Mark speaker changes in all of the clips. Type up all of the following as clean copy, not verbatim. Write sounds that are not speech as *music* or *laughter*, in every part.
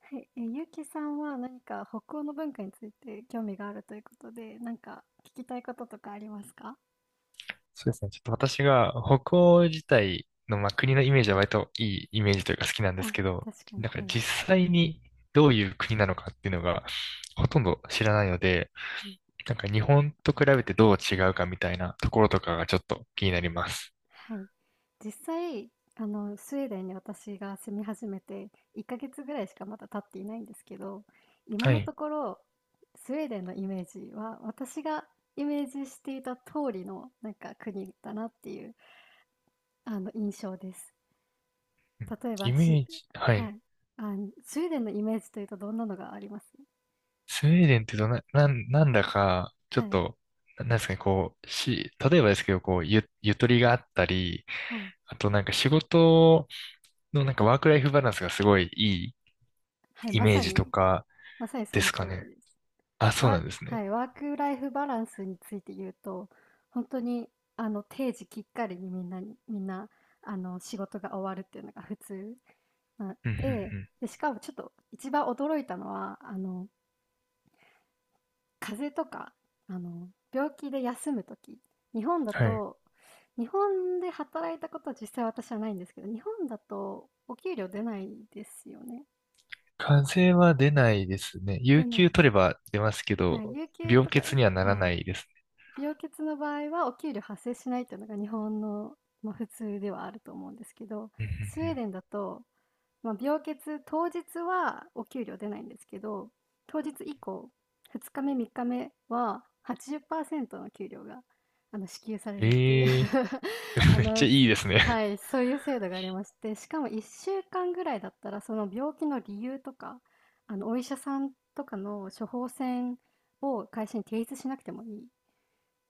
Speaker 1: はい、ゆうきさんは何か北欧の文化について興味があるということで、何か聞きたいこととかありますか？
Speaker 2: そうですね。ちょっと私が北欧自体の、まあ、国のイメージは割といいイメージというか好きなんです
Speaker 1: あ、
Speaker 2: けど、
Speaker 1: 確かに、
Speaker 2: だか
Speaker 1: は
Speaker 2: ら
Speaker 1: い。
Speaker 2: 実際にどういう国なのかっていうのがほとんど知らないので、
Speaker 1: うん、
Speaker 2: なんか日本と比べてどう違うかみたいなところとかがちょっと気になります。
Speaker 1: はい。実際、スウェーデンに私が住み始めて1ヶ月ぐらいしかまだ経っていないんですけど、今
Speaker 2: は
Speaker 1: のと
Speaker 2: い。
Speaker 1: ころ、スウェーデンのイメージは私がイメージしていた通りのなんか国だなっていう、印象です。
Speaker 2: うん。
Speaker 1: 例え
Speaker 2: イ
Speaker 1: ば
Speaker 2: メ
Speaker 1: し、
Speaker 2: ージ、は
Speaker 1: は
Speaker 2: い。
Speaker 1: い。あ、スウェーデンのイメージというとどんなのがあります？
Speaker 2: スウェーデンってどな、なん、なんだか、ちょ
Speaker 1: は
Speaker 2: っ
Speaker 1: い、
Speaker 2: と、なんですかね、こう、例えばですけど、こう、ゆとりがあったり、
Speaker 1: はい、
Speaker 2: あとなんか仕事のなんかワークライフバランスがすごいいい
Speaker 1: はい、
Speaker 2: イ
Speaker 1: ま
Speaker 2: メー
Speaker 1: さ
Speaker 2: ジと
Speaker 1: に、
Speaker 2: か
Speaker 1: まさにそ
Speaker 2: で
Speaker 1: の
Speaker 2: すか
Speaker 1: 通り
Speaker 2: ね。
Speaker 1: です。
Speaker 2: あ、そうな
Speaker 1: わ
Speaker 2: んですね。
Speaker 1: はい、ワークライフバランスについて言うと、本当に、定時きっかりにみんなにみんな、仕事が終わるっていうのが普通な
Speaker 2: うんう
Speaker 1: で、
Speaker 2: ん
Speaker 1: で、しかもちょっと一番驚いたのは、風邪とか、病気で休む時、日本だ
Speaker 2: うん。はい。
Speaker 1: と日本で働いたことは実際私はないんですけど、日本だとお給料出ないですよね？
Speaker 2: 風邪は出ないですね。
Speaker 1: 出
Speaker 2: 有
Speaker 1: ない。
Speaker 2: 給取れば出ますけ
Speaker 1: はい、
Speaker 2: ど、
Speaker 1: 有給
Speaker 2: 病
Speaker 1: とか
Speaker 2: 欠にはなら
Speaker 1: はい。
Speaker 2: ないです
Speaker 1: 病欠の場合はお給料発生しないというのが日本の、まあ、普通ではあると思うんですけど、
Speaker 2: ね。
Speaker 1: スウェー
Speaker 2: う
Speaker 1: デンだとまあ、病欠当日はお給料出ないんですけど、当日以降、2日目、3日目は80%の給料が支給され
Speaker 2: んうん
Speaker 1: る
Speaker 2: うん。
Speaker 1: っていう
Speaker 2: ええー、
Speaker 1: *laughs* あ
Speaker 2: めっちゃ
Speaker 1: の、
Speaker 2: いいですね。
Speaker 1: はい、そういう制度がありまして、しかも1週間ぐらいだったら、その病気の理由とか、お医者さんとかの処方箋を会社に提出しなくてもいい。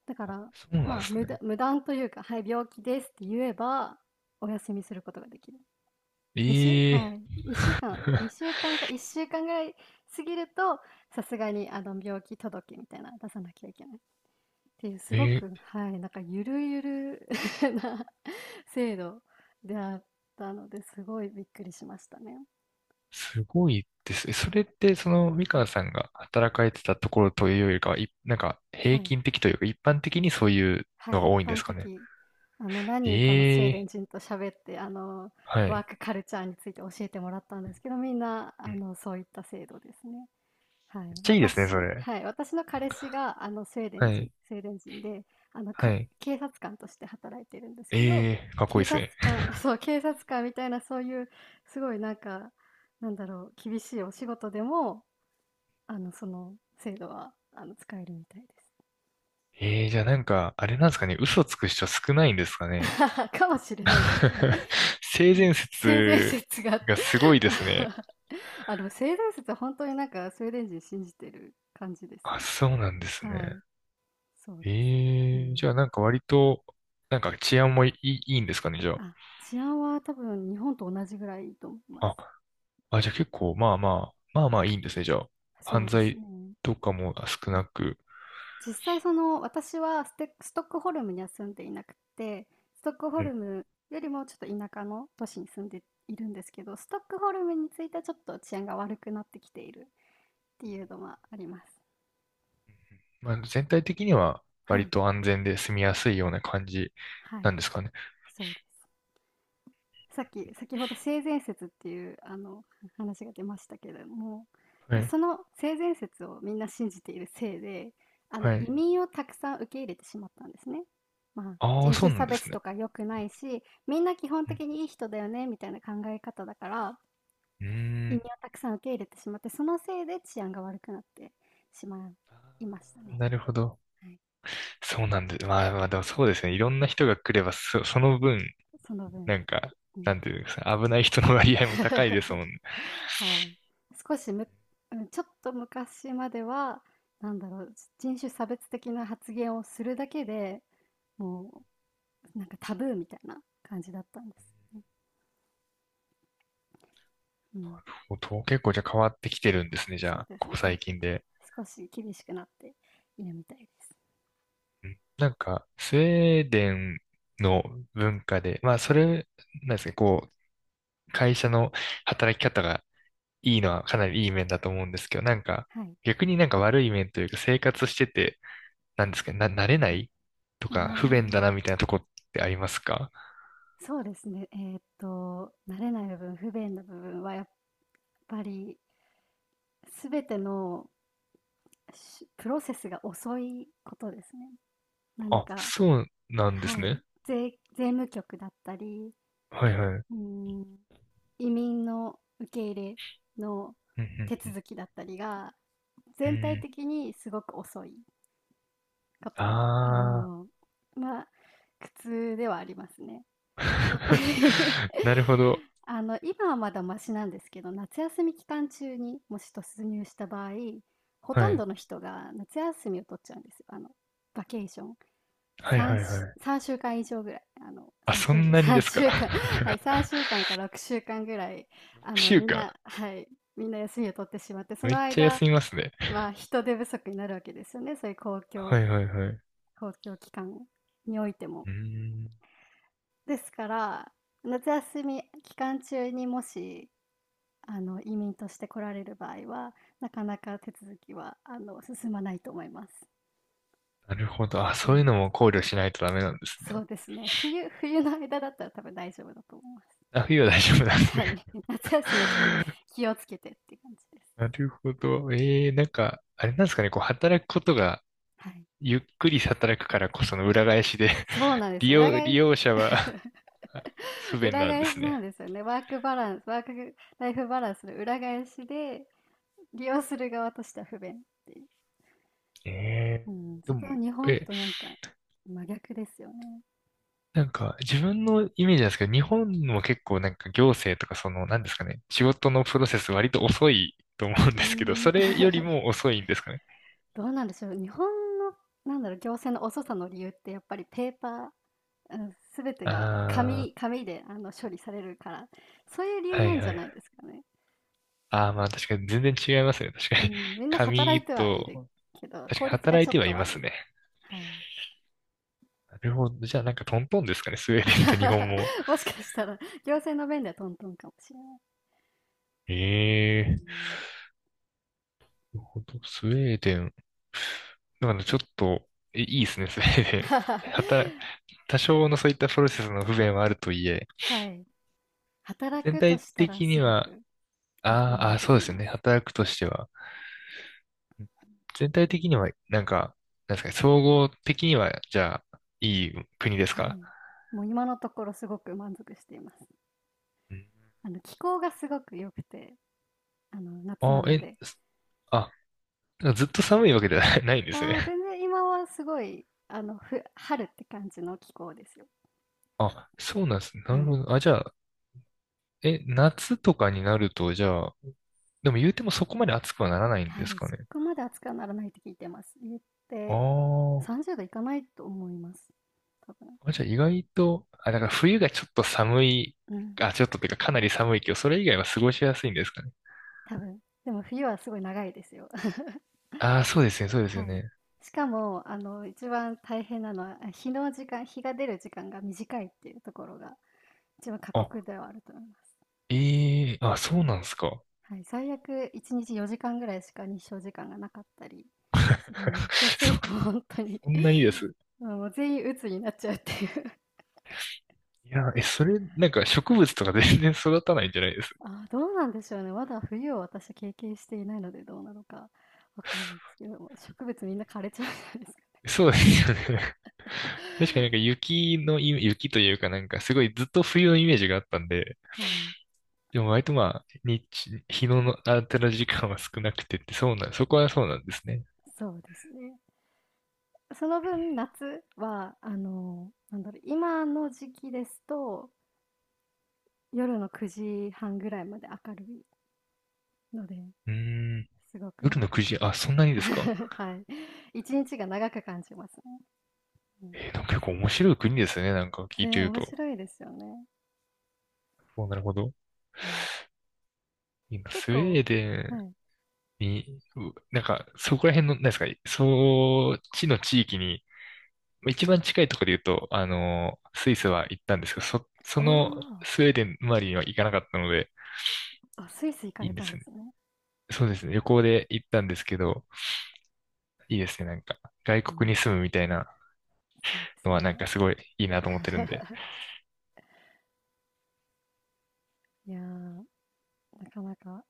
Speaker 1: だか
Speaker 2: *laughs*
Speaker 1: ら、
Speaker 2: そうな
Speaker 1: ま
Speaker 2: んで
Speaker 1: あ、
Speaker 2: すね。
Speaker 1: 無断というか、はい、病気ですって言えば、お休みすることができる。にしゅ
Speaker 2: え
Speaker 1: は
Speaker 2: え
Speaker 1: い、1週間、
Speaker 2: ー
Speaker 1: 2週間か1週間ぐらい過ぎると、さすがに病気届みたいなの出さなきゃいけないっていう、
Speaker 2: *laughs*
Speaker 1: すご
Speaker 2: え
Speaker 1: く、
Speaker 2: ー
Speaker 1: はい、なんかゆるゆる *laughs* な制度であったので、すごいびっくりしましたね。
Speaker 2: すごいですね。それって、その、み
Speaker 1: は
Speaker 2: かん
Speaker 1: い。
Speaker 2: さんが働かれてたところというよりかは、なんか、
Speaker 1: は
Speaker 2: 平
Speaker 1: い。
Speaker 2: 均的というか、一般的にそういう
Speaker 1: は
Speaker 2: の
Speaker 1: い、
Speaker 2: が
Speaker 1: 一
Speaker 2: 多いんで
Speaker 1: 般
Speaker 2: すかね。
Speaker 1: 的。何
Speaker 2: え
Speaker 1: 人かのスウェーデ
Speaker 2: え
Speaker 1: ン人
Speaker 2: ー、
Speaker 1: と喋って、
Speaker 2: は
Speaker 1: ワー
Speaker 2: い。
Speaker 1: クカルチャーについて教えてもらったんですけど、みんな、
Speaker 2: うん。
Speaker 1: そういった制度ですね。はい。
Speaker 2: めっちゃいいですね、そ
Speaker 1: 私
Speaker 2: れ。
Speaker 1: はい、私の彼氏が、スウェーデ
Speaker 2: は
Speaker 1: ン人
Speaker 2: い。
Speaker 1: スウェーデン人で、あの、
Speaker 2: は
Speaker 1: か
Speaker 2: い。
Speaker 1: *laughs* 警察官として働いてるんですけど、
Speaker 2: ええー、かっこい
Speaker 1: 警
Speaker 2: いです
Speaker 1: 察
Speaker 2: ね。
Speaker 1: 官 *laughs* そう、警察官みたいなそういうすごいなんか、なんだろう、厳しいお仕事でも、その制度は、使えるみたいです。
Speaker 2: ええー、じゃあなんか、あれなんですかね、嘘つく人少ないんですかね。
Speaker 1: *laughs* かもしれないですね。
Speaker 2: *laughs*
Speaker 1: *laughs*
Speaker 2: 性
Speaker 1: うん。
Speaker 2: 善
Speaker 1: 性善
Speaker 2: 説
Speaker 1: 説が
Speaker 2: がすごいですね。
Speaker 1: *laughs* あ、でも性善説は本当になんかスウェーデン人信じてる感じです
Speaker 2: あ、
Speaker 1: ね。
Speaker 2: そうなんですね。
Speaker 1: はい、そう
Speaker 2: え
Speaker 1: です。う
Speaker 2: えー、
Speaker 1: ん。
Speaker 2: じゃあなんか割と、なんか治安もいい、いいんですかね、じゃ
Speaker 1: あ、治安は多分日本と同じぐらいと思いま
Speaker 2: あ。
Speaker 1: す。
Speaker 2: あ、あ、じゃあ結構、まあまあ、まあまあいいんですね、じゃあ。
Speaker 1: そう
Speaker 2: 犯
Speaker 1: です
Speaker 2: 罪
Speaker 1: ね。
Speaker 2: とかも少
Speaker 1: は
Speaker 2: な
Speaker 1: い。
Speaker 2: く。
Speaker 1: 実際その私はストックホルムには住んでいなくて、ストックホ
Speaker 2: は
Speaker 1: ル
Speaker 2: い。
Speaker 1: ムよりもちょっと田舎の都市に住んでいるんですけど、ストックホルムについてはちょっと治安が悪くなってきているっていうのはあります。
Speaker 2: まあ、全体的には
Speaker 1: は
Speaker 2: 割
Speaker 1: い、
Speaker 2: と安全で住みやすいような感じ
Speaker 1: は
Speaker 2: な
Speaker 1: い、
Speaker 2: んですかね。
Speaker 1: そうです。さっき、先ほど性善説っていうあの話が出ましたけれども、
Speaker 2: はい。
Speaker 1: その性善説をみんな信じているせいで、
Speaker 2: は
Speaker 1: 移
Speaker 2: い。
Speaker 1: 民をたくさん受け入れてしまったんですね。まあ、
Speaker 2: ああ、
Speaker 1: 人
Speaker 2: そ
Speaker 1: 種
Speaker 2: うな
Speaker 1: 差
Speaker 2: んです
Speaker 1: 別
Speaker 2: ね。
Speaker 1: とか良くないし、みんな基本
Speaker 2: うん。
Speaker 1: 的にいい人だよねみたいな考え方だから、
Speaker 2: うー
Speaker 1: 移民を
Speaker 2: ん。
Speaker 1: たくさん受け入れてしまって、そのせいで治安が悪くなってしまいましたね。
Speaker 2: なるほど。
Speaker 1: はい、
Speaker 2: そうなんで、まあまあでもそうですね。いろんな人が来れば、その分、
Speaker 1: その分。
Speaker 2: なんか、
Speaker 1: う
Speaker 2: な
Speaker 1: ん
Speaker 2: んていうんですか、危ない人の割合も高いです
Speaker 1: *laughs*
Speaker 2: もんね。
Speaker 1: はい。少しむうん、ちょっと昔までは、なんだろう、人種差別的な発言をするだけで、もう、なんかタブーみたいな感じだったんです。うん。
Speaker 2: もうと結構じゃあ変わってきてるんですね、じ
Speaker 1: そ
Speaker 2: ゃ
Speaker 1: う
Speaker 2: あ、
Speaker 1: です
Speaker 2: こ
Speaker 1: ね、
Speaker 2: こ
Speaker 1: 変わ
Speaker 2: 最
Speaker 1: って、
Speaker 2: 近で。
Speaker 1: 少し厳しくなっているみたいです。
Speaker 2: うん。なんか、スウェーデンの文化で、まあそれ、なんですか、こう、会社の働き方がいいのはかなりいい面だと思うんですけど、なんか、
Speaker 1: はい。
Speaker 2: 逆になんか悪い面というか、生活してて、なんですけど、な、慣れな
Speaker 1: はい。
Speaker 2: いとか、不便だ
Speaker 1: あ
Speaker 2: なみたいなとこってありますか？
Speaker 1: あ、そうですね。慣れない部分、不便な部分はやっぱり、すべてのプロセスが遅いことですね。何
Speaker 2: あ、
Speaker 1: か
Speaker 2: そうなんです
Speaker 1: はい。
Speaker 2: ね。
Speaker 1: 税、税務局だったり、
Speaker 2: はいはい。
Speaker 1: うん、移民の受け入れの
Speaker 2: うん
Speaker 1: 手
Speaker 2: うん
Speaker 1: 続きだったりが、
Speaker 2: うん。う
Speaker 1: 全体
Speaker 2: ん。
Speaker 1: 的にすごく遅いことは、
Speaker 2: ああ
Speaker 1: まあ、苦痛ではありますね。
Speaker 2: ー。
Speaker 1: やっぱり *laughs*
Speaker 2: *laughs* なるほど。
Speaker 1: 今はまだマシなんですけど、夏休み期間中にもし突入した場合、ほと
Speaker 2: は
Speaker 1: んど
Speaker 2: い。
Speaker 1: の人が夏休みを取っちゃうんですよ。バケーション。
Speaker 2: はい
Speaker 1: 3
Speaker 2: はいはい。
Speaker 1: し、三週間以上ぐらい、
Speaker 2: あ、
Speaker 1: 3
Speaker 2: そ
Speaker 1: 週、
Speaker 2: ん
Speaker 1: *laughs*
Speaker 2: なにで
Speaker 1: 三
Speaker 2: すか。
Speaker 1: 週間、*laughs* はい、
Speaker 2: *laughs*
Speaker 1: 3週間か6週間ぐらい、
Speaker 2: 6週
Speaker 1: みん
Speaker 2: 間。
Speaker 1: な、はい、みんな休みを取ってしまって、そ
Speaker 2: め
Speaker 1: の
Speaker 2: っちゃ
Speaker 1: 間、
Speaker 2: 休みますね。
Speaker 1: まあ、人手不足になるわけですよね、そういう
Speaker 2: はいはいはい。う
Speaker 1: 公共機関においても。
Speaker 2: ーん。
Speaker 1: ですから、夏休み期間中にもし、移民として来られる場合は、なかなか手続きは、進まないと思います。
Speaker 2: なるほど。あ、
Speaker 1: は
Speaker 2: そういう
Speaker 1: い、
Speaker 2: のも考慮しないとダメなんです
Speaker 1: そ
Speaker 2: ね。
Speaker 1: うですね、冬の間だったら多分大丈夫だと思います。
Speaker 2: あ、冬は大丈夫なんです
Speaker 1: は
Speaker 2: ね。
Speaker 1: い。*laughs* 夏休みはちょっと
Speaker 2: *laughs*
Speaker 1: 気をつけてっていう感じです。
Speaker 2: なるほど。ええ、なんか、あれなんですかね、こう、働くことが、
Speaker 1: はい。
Speaker 2: ゆっくり働くからこその裏返しで *laughs*
Speaker 1: そうなんで
Speaker 2: 利
Speaker 1: すよ。裏
Speaker 2: 用、利
Speaker 1: 返し
Speaker 2: 用者
Speaker 1: *laughs*
Speaker 2: は *laughs* 不便
Speaker 1: 裏
Speaker 2: なんで
Speaker 1: 返
Speaker 2: す
Speaker 1: しなん
Speaker 2: ね。
Speaker 1: ですよね。ワークライフバランスの裏返しで、利用する側としては不便っていう。
Speaker 2: ええ。
Speaker 1: うん、
Speaker 2: で
Speaker 1: そ
Speaker 2: も、
Speaker 1: こは日本
Speaker 2: え、
Speaker 1: となんか真逆ですよね。
Speaker 2: なんか、自分のイメージなんですけど、日本も結構なんか行政とかその、なんですかね、仕事のプロセス割と遅いと思うん
Speaker 1: う
Speaker 2: ですけど、
Speaker 1: ー
Speaker 2: そ
Speaker 1: ん。
Speaker 2: れより
Speaker 1: *laughs*
Speaker 2: も遅いんですかね。
Speaker 1: どうなんでしょう。日本の、なんだろう、行政の遅さの理由ってやっぱりペーパー、うん、全てが
Speaker 2: あ
Speaker 1: 紙で処理されるから、そういう理
Speaker 2: あ、
Speaker 1: 由
Speaker 2: は
Speaker 1: な
Speaker 2: い
Speaker 1: ん
Speaker 2: はい
Speaker 1: じ
Speaker 2: は
Speaker 1: ゃ
Speaker 2: い。
Speaker 1: ないですかね。
Speaker 2: ああ、まあ確かに全然違いますね。確か
Speaker 1: う
Speaker 2: に。
Speaker 1: ん、みんな働い
Speaker 2: 紙
Speaker 1: てはいる
Speaker 2: と、
Speaker 1: けど、
Speaker 2: 確か
Speaker 1: 効
Speaker 2: に
Speaker 1: 率が
Speaker 2: 働い
Speaker 1: ちょっ
Speaker 2: ては
Speaker 1: と
Speaker 2: いま
Speaker 1: 悪
Speaker 2: す
Speaker 1: い。
Speaker 2: ね。
Speaker 1: はい。
Speaker 2: なるほど。じゃあなんかトントンですかね、スウェーデンと日本も。*laughs*
Speaker 1: *laughs* もしかしたら、行政の面ではトントンかもしれない。
Speaker 2: え
Speaker 1: う
Speaker 2: えー。
Speaker 1: ん
Speaker 2: なるほど。スウェーデン。だからちょっと、いいですね、スウェーデン。
Speaker 1: *laughs*。
Speaker 2: 多少のそういったプロセスの不便はあるとはいえ、
Speaker 1: はい。働
Speaker 2: 全
Speaker 1: くと
Speaker 2: 体
Speaker 1: したら
Speaker 2: 的に
Speaker 1: すご
Speaker 2: は、
Speaker 1: くいい
Speaker 2: あ
Speaker 1: 国
Speaker 2: ーあ
Speaker 1: だ
Speaker 2: ー、
Speaker 1: と
Speaker 2: そ
Speaker 1: 思
Speaker 2: うで
Speaker 1: い
Speaker 2: すよ
Speaker 1: ま
Speaker 2: ね、
Speaker 1: す。
Speaker 2: 働くとしては。全体的には、なんか、なんですかね、総合的には、じゃあ、いい国です
Speaker 1: は
Speaker 2: か？
Speaker 1: い。もう今のところすごく満足しています。
Speaker 2: うん。
Speaker 1: 気候がすごく良くて、夏
Speaker 2: あ、
Speaker 1: なので。
Speaker 2: あ、ずっと寒いわけではない *laughs* ないんです
Speaker 1: ああ、
Speaker 2: ね。
Speaker 1: 全然今はすごい、春って感じの気候ですよ。
Speaker 2: あ、そうなんですね。
Speaker 1: は
Speaker 2: なる
Speaker 1: い。
Speaker 2: ほど。あ、じゃあ、夏とかになると、じゃあ、でも言うてもそこまで暑くはならないん
Speaker 1: は
Speaker 2: です
Speaker 1: い、
Speaker 2: か
Speaker 1: そ
Speaker 2: ね。
Speaker 1: こまで暑くはならないって聞いてます。言っ
Speaker 2: あ
Speaker 1: て、
Speaker 2: ー。
Speaker 1: 30度いかないと思います。多分。
Speaker 2: あ、じゃあ意外と、あ、だから冬がちょっと寒い、
Speaker 1: うん、
Speaker 2: あ、ちょっとっていうかかなり寒いけど、それ以外は過ごしやすいんですかね。
Speaker 1: 多分。でも冬はすごい長いですよ。*laughs*
Speaker 2: ああ、そうですね、そうですよ
Speaker 1: はい。
Speaker 2: ね。
Speaker 1: しかも、一番大変なのは、日が出る時間が短いっていうところが、一番過酷
Speaker 2: あ、
Speaker 1: ではあると思います。
Speaker 2: ええ、あ、そ
Speaker 1: は
Speaker 2: う
Speaker 1: い。
Speaker 2: なんですか。
Speaker 1: はい、最悪1日4時間ぐらいしか日照時間がなかったりするので、そう
Speaker 2: *laughs*
Speaker 1: す
Speaker 2: そ、
Speaker 1: ると本当に、
Speaker 2: そんないいです。
Speaker 1: *laughs* もう全員鬱になっちゃうっていう。
Speaker 2: いや、それ、なんか植物とか全然育たないんじゃないです。
Speaker 1: ああ、どうなんでしょうね。まだ冬を私経験していないので、どうなのかわからないですけども、植物みんな枯れちゃうんじゃないですかね。
Speaker 2: そうですよね。*laughs* 確かになんか雪の雪というかなんかすごいずっと冬のイメージがあったんで、
Speaker 1: はい、
Speaker 2: でも割とまあ、日の当たる時間は少なくてって、そうな、そこはそうなんですね。
Speaker 1: そうですね。その分、夏は、なんだろう、今の時期ですと、夜の9時半ぐらいまで明るいので、
Speaker 2: うーん。
Speaker 1: すごくな
Speaker 2: 夜
Speaker 1: んか
Speaker 2: の9時、あ、そんなにですか？
Speaker 1: *laughs*、はい、1日が長く感じますね。うん。
Speaker 2: なんか結構面白い国ですね。なんか聞い
Speaker 1: ね、
Speaker 2: てる
Speaker 1: 面
Speaker 2: と。
Speaker 1: 白いですよね。
Speaker 2: お、なるほど。
Speaker 1: はい。
Speaker 2: 今、
Speaker 1: 結
Speaker 2: スウェ
Speaker 1: 構
Speaker 2: ーデ
Speaker 1: は
Speaker 2: ン
Speaker 1: い。
Speaker 2: に、なんか、そこら辺の、なんですか、そっちの地域に、まあ一番近いところで言うと、あの、スイスは行ったんですけど、その
Speaker 1: あ
Speaker 2: スウェーデン周りには行かなかったので、
Speaker 1: あ、スイス行か
Speaker 2: いい
Speaker 1: れ
Speaker 2: んで
Speaker 1: たん
Speaker 2: す
Speaker 1: で
Speaker 2: ね。
Speaker 1: すね。
Speaker 2: そうですね。旅行で行ったんですけど、いいですね。なんか、外
Speaker 1: う
Speaker 2: 国に
Speaker 1: ん。
Speaker 2: 住むみたいな
Speaker 1: そうです
Speaker 2: のはなん
Speaker 1: ね。
Speaker 2: かすごいいいなと思ってるんで、
Speaker 1: *laughs* いやー、なかなか